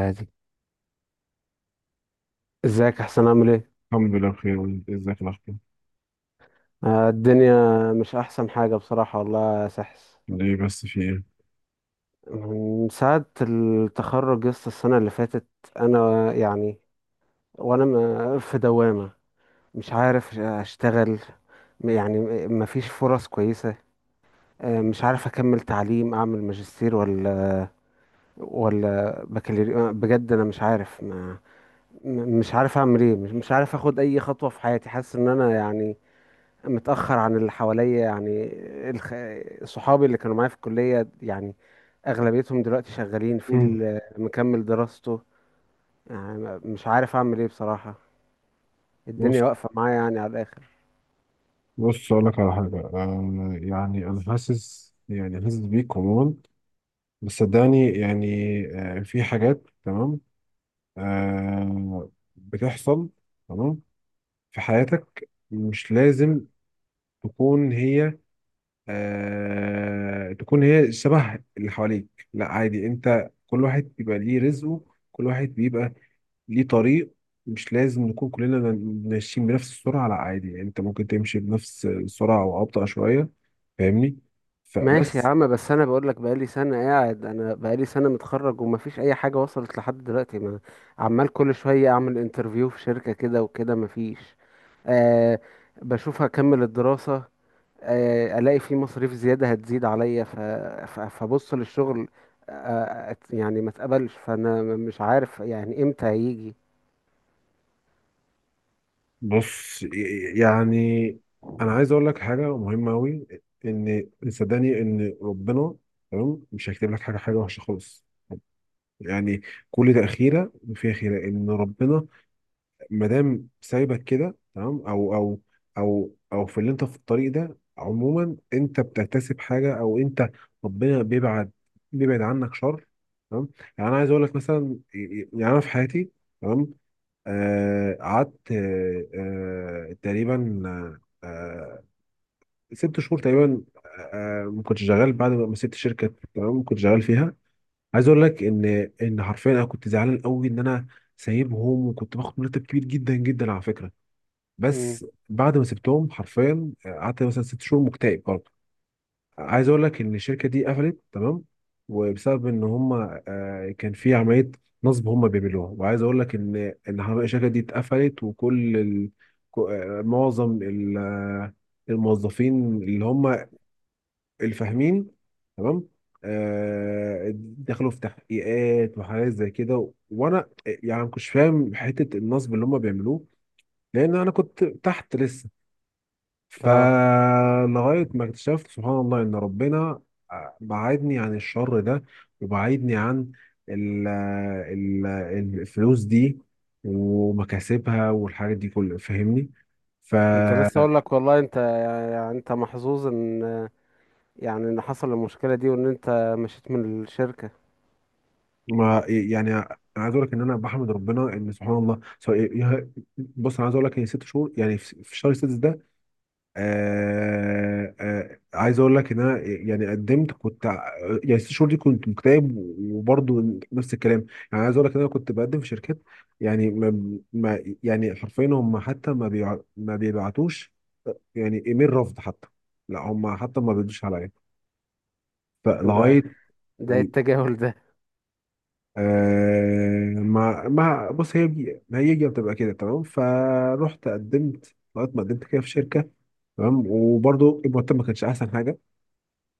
عادي. ازيك، احسن، اعمل ايه؟ الحمد لله بخير، وانت ازيك؟ الاخبار؟ الدنيا مش احسن حاجة بصراحة والله يا سحس. ليه بس؟ في ايه؟ من ساعة التخرج يسطا، السنة اللي فاتت انا يعني وانا في دوامة. مش عارف اشتغل. مفيش فرص كويسة. مش عارف اكمل تعليم، اعمل ماجستير ولا ولا بكالوريوس، بجد انا مش عارف. ما م- مش عارف اعمل ايه. مش عارف اخد اي خطوة في حياتي. حاسس ان انا يعني متأخر عن اللي حواليا يعني. الخ... صحابي اللي كانوا معايا في الكلية يعني أغلبيتهم دلوقتي شغالين، في مم. اللي مكمل دراسته يعني. مش عارف أعمل إيه بصراحة. بص، الدنيا واقفة معايا يعني على الآخر. بص اقول لك على حاجه، يعني انا حاسس، يعني حاسس بيك عموما. بس صدقني، يعني في حاجات تمام. آه بتحصل. تمام. في حياتك مش لازم تكون هي تكون هي شبه اللي حواليك. لا عادي، انت كل واحد بيبقى ليه رزقه، كل واحد بيبقى ليه طريق. مش لازم نكون كلنا ماشيين بنفس السرعة. لا عادي، يعني انت ممكن تمشي بنفس السرعة او ابطأ شوية. فاهمني؟ ماشي يا فبس. عم، بس أنا بقولك بقالي سنة قاعد، أنا بقالي سنة متخرج ومفيش أي حاجة وصلت لحد دلوقتي. ما عمال كل شوية أعمل انترفيو في شركة كده وكده مفيش. أه، بشوف هكمل الدراسة، الاقي في مصاريف زياده هتزيد عليا فبص للشغل، يعني ما اتقبلش، فانا مش عارف يعني امتى هيجي. بص، يعني انا عايز اقول لك حاجة مهمة اوي، ان صدقني ان ربنا، تمام، مش هيكتب لك حاجة وحشة خالص. يعني كل تأخيرة فيها خيرة. ان ربنا ما دام سايبك كده تمام، او في اللي انت في الطريق ده، عموما انت بتكتسب حاجه، او انت ربنا بيبعد عنك شر، تمام. يعني انا عايز اقول لك مثلا، يعني انا في حياتي، تمام، قعدت، تقريبا آه آه، 6 شهور تقريبا، ما كنتش شغال بعد ما سبت الشركه، تمام كنت شغال فيها. عايز اقول لك ان حرفيا انا كنت زعلان قوي ان انا سايبهم، وكنت باخد مرتب كبير جدا جدا على فكره. مم. بس بعد ما سبتهم حرفيا قعدت مثلا 6 شهور مكتئب برضه. عايز اقول لك ان الشركه دي قفلت، تمام. وبسبب ان هم كان في عمليه نصب هم بيعملوها. وعايز اقول لك ان حرفياً الشركه دي اتقفلت، وكل ال... كو- آه، معظم الموظفين اللي هم الفاهمين، تمام. دخلوا في تحقيقات وحاجات زي كده. وانا يعني ما كنتش فاهم حته النصب اللي هم بيعملوه، لان انا كنت تحت لسه. اه، فلغاية ما اكتشفت سبحان الله إن ربنا بعدني عن الشر ده، وبعدني عن ال ال الفلوس دي ومكاسبها والحاجات دي كلها. فاهمني؟ ف كنت لسه اقول لك والله انت يعني انت محظوظ، ان يعني ان حصل المشكله دي وان انت مشيت من الشركه. ما يعني انا عايز اقول لك ان انا بحمد ربنا ان سبحان الله. بص، انا عايز اقول لك ان 6 شهور يعني في شهر 6 ده، عايز اقول لك ان انا يعني قدمت، يعني الـ6 شهور دي كنت مكتئب وبرضه نفس الكلام. يعني عايز اقول لك ان انا كنت بقدم في شركات. يعني ما ما يعني حرفيا هم حتى ما بيبعتوش يعني ايميل رفض حتى. لا هم حتى ما بيردوش عليا. ده فلغايه ده إيه التجاهل ده؟ آه ما ما بص، هي بي- ما هي هي بتبقى كده، تمام. فرحت قدمت لغايه ما قدمت كده في شركه، تمام. وبرضه المرتب ما كانش احسن حاجه.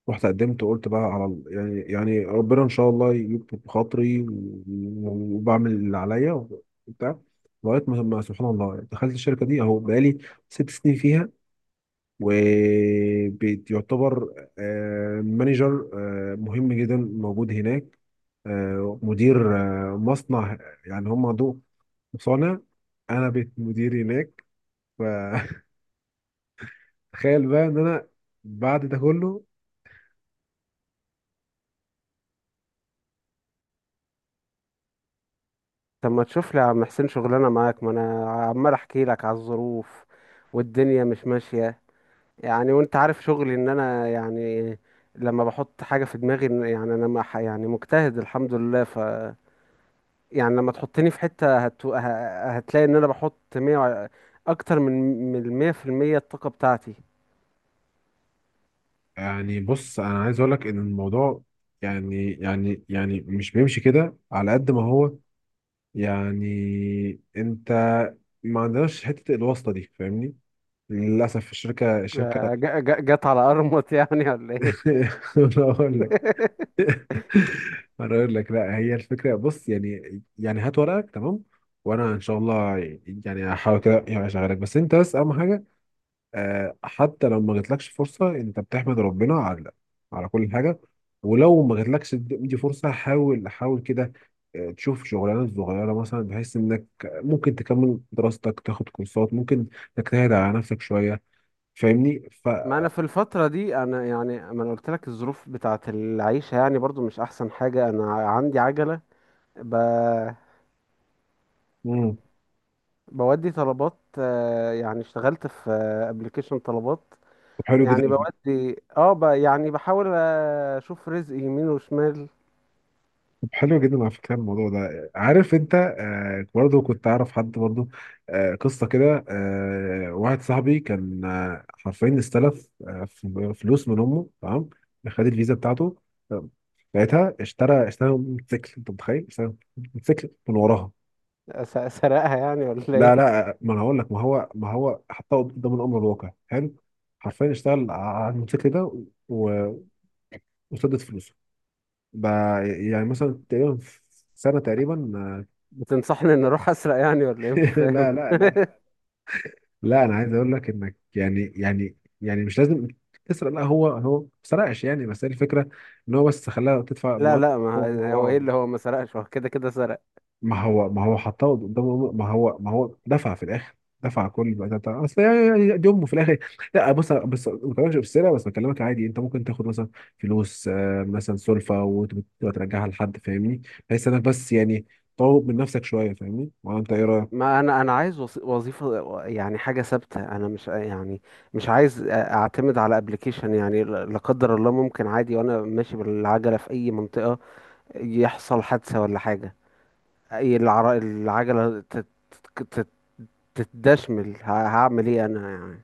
رحت قدمت وقلت بقى على يعني ربنا ان شاء الله يكتب خاطري، وبعمل اللي عليا وبتاع. لغايه ما سبحان الله يعني دخلت الشركه دي اهو. بقالي 6 سنين فيها. وبيعتبر مانجر مهم جدا موجود هناك، مدير مصنع. يعني هم عندهم مصانع. انا بقيت مدير هناك. فتخيل بقى ان انا بعد ده كله. طب ما تشوف لي يا عم حسين شغلانه معاك، ما انا عمال احكي لك على الظروف والدنيا مش ماشيه يعني. وانت عارف شغلي، ان انا يعني لما بحط حاجة في دماغي يعني انا يعني مجتهد الحمد لله. ف يعني لما تحطني في حتة هتلاقي ان انا بحط 100 اكتر من من المية في المية الطاقة بتاعتي. يعني بص، انا عايز اقول لك ان الموضوع يعني يعني مش بيمشي كده على قد ما هو. يعني انت ما عندناش حته الواسطه دي، فاهمني. للاسف الشركه الشركه. جت على ارمط يعني ولا ايه؟ انا اقول لك انا اقول لك لا، هي الفكره، بص، يعني هات ورقك، تمام، وانا ان شاء الله يعني هحاول كده يعني اشغلك. بس انت، بس اهم حاجه، حتى لو ما جاتلكش فرصة انت بتحمد ربنا على كل حاجة. ولو ما جاتلكش دي فرصة، حاول حاول كده، تشوف شغلانة صغيرة مثلا بحيث انك ممكن تكمل دراستك، تاخد كورسات، ممكن تجتهد على نفسك شوية. فاهمني؟ ما انا في الفترة دي انا يعني، ما انا قلت لك الظروف بتاعت العيشة يعني برضو مش احسن حاجة. انا عندي عجلة، ب... مم. بودي طلبات. يعني اشتغلت في ابلكيشن طلبات حلو جدا. يعني بودي. اه يعني بحاول اشوف رزق يمين وشمال. طب حلو جدا، على فكره الموضوع ده. عارف انت، برضه كنت اعرف حد برضه قصه كده. واحد صاحبي كان، حرفيا استلف، فلوس من امه، تمام. خد الفيزا بتاعته، آه، لقيتها اشترى موتوسيكل. انت متخيل؟ اشترى موتوسيكل من وراها. اسرقها يعني ولا لا ايه؟ لا، ما انا هقول لك، ما هو حطها قدام الامر الواقع. حلو، حرفيا اشتغل على الموتوسيكل ده و- وسدد فلوسه بقى، يعني مثلا تقريبا في سنه تقريبا، بتنصحني ان اروح اسرق يعني ولا ايه؟ مش فاهم. لا لا لا، لا انا عايز اقول لك انك يعني يعني مش لازم تسرق. لا، هو ما سرقش، يعني بس هي الفكره ان هو بس خلاها تدفع لا مواد. لا، ما هو هو ايه اللي هو ما سرقش، هو كده كده سرق. ما هو ما هو ما هو حطها قدامه، ما هو دفع في الاخر، دفع كل بقى ده اصل يعني دي امه في الاخر. لا بص، بس ما بكلمكش بالسرقه، بس بكلمك عادي انت ممكن تاخد مثلا فلوس، مثلا سلفه وتبقى ترجعها لحد، فاهمني، بحيث انك بس يعني تطور من نفسك شويه. فاهمني؟ ولا انت ايه رايك؟ ما انا، انا عايز وظيفة يعني حاجة ثابتة. انا مش يعني مش عايز اعتمد على ابلكيشن يعني. لا لا، قدر الله ممكن عادي وانا ماشي بالعجلة في اي منطقة يحصل حادثة ولا حاجة. اي العجلة تت- تتدشمل، هعمل ايه انا يعني؟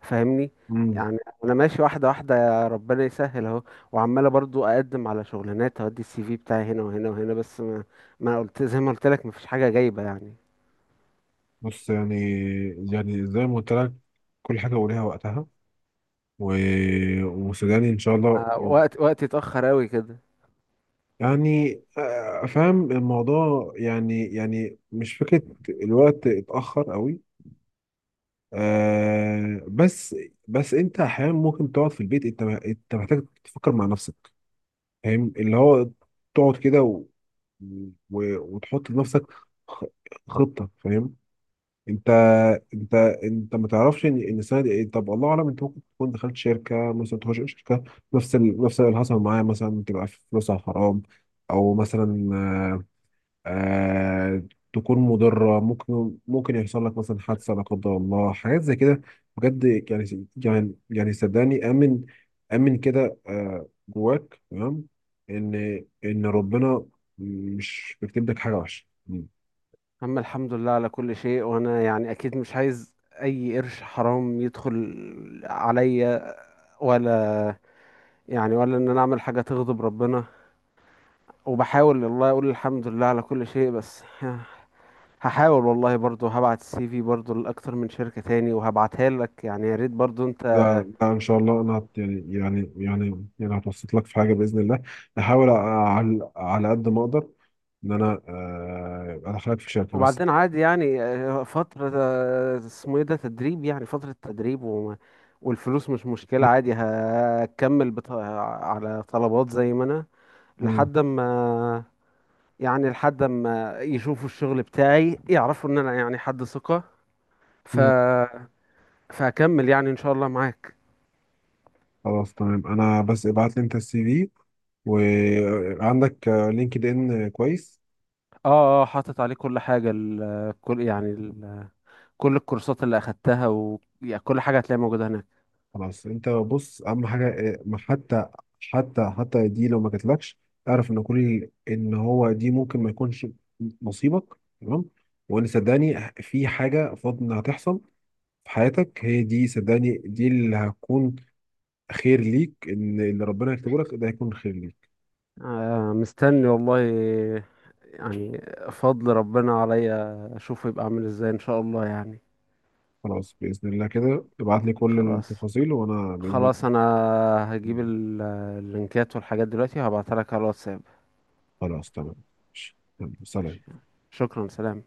فاهمني؟ يعني انا ماشي واحده واحده، يا ربنا يسهل اهو. وعماله برضو اقدم على شغلانات، اودي السي في بتاعي هنا وهنا وهنا، بس ما ما قلت زي ما قلت لك مفيش حاجه جايبه يعني. بص، يعني زي ما قلت لك كل حاجة وليها وقتها، و... وسوداني إن شاء الله. وقت وقتي اتاخر قوي كده. يعني فاهم الموضوع. يعني مش فكرة الوقت اتأخر قوي. آه بس بس أنت أحيانا ممكن تقعد في البيت. أنت محتاج تفكر مع نفسك، فاهم اللي هو تقعد كده وتحط لنفسك خ- خطة، فاهم أنت؟ انت انت ما تعرفش ان السنه دي ايه. طب الله اعلم، انت ممكن تكون دخلت شركه، مثلا تخش شركه نفس اللي حصل معايا، مثلا تبقى فلوسها حرام، او مثلا آه... تكون مضره، ممكن يحصل لك مثلا حادثه لا قدر الله، حاجات زي كده بجد. يعني يعني صدقني، امن امن كده جواك، تمام، ان ربنا مش بيكتب لك حاجه وحشه. اما الحمد لله على كل شيء. وانا يعني اكيد مش عايز اي قرش حرام يدخل عليا، ولا يعني ولا ان انا اعمل حاجه تغضب ربنا. وبحاول والله اقول الحمد لله على كل شيء. بس هحاول والله برضو، هبعت السي في برضو لأكتر من شركة تاني، وهبعتها لك يعني. يا ريت برضو انت. لا لا، ان شاء الله انا يعني يعني هتوسط لك في حاجه باذن الله، احاول على قد ما اقدر ان انا، ادخلك في شركه بس. وبعدين عادي يعني، فترة اسمه ايه ده، تدريب يعني، فترة تدريب. وما والفلوس مش مشكلة م- عادي. هكمل على طلبات زي ما انا، م- لحد ما يعني لحد ما يشوفوا الشغل بتاعي يعرفوا ان انا يعني حد ثقة. ف... م. فهكمل يعني ان شاء الله معاك. خلاص تمام، انا بس ابعت لي انت الـCV، وعندك لينكد ان كويس. اه اه، حاطط عليه كل حاجة، كل يعني كل الكورسات اللي اخدتها يعني كل حاجة هتلاقيها موجودة هناك. خلاص، انت بص اهم حاجه، ما حتى دي لو ما جاتلكش اعرف ان كل ان هو دي ممكن ما يكونش نصيبك، تمام. وان صدقني في حاجه فاضل انها تحصل في حياتك، هي دي صدقني، دي اللي هتكون خير ليك، ان اللي ربنا يكتبه لك ده هيكون خير ليك. مستني والله يعني فضل ربنا عليا اشوفه يبقى عامل ازاي ان شاء الله يعني. خلاص باذن الله كده، ابعت لي كل خلاص، التفاصيل وانا باذن خلاص. انا هجيب الله. اللينكات والحاجات دلوقتي وهبعتها لك على الواتساب. خلاص تمام، ماشي. يلا، ماشي. سلام. شكرا، سلام.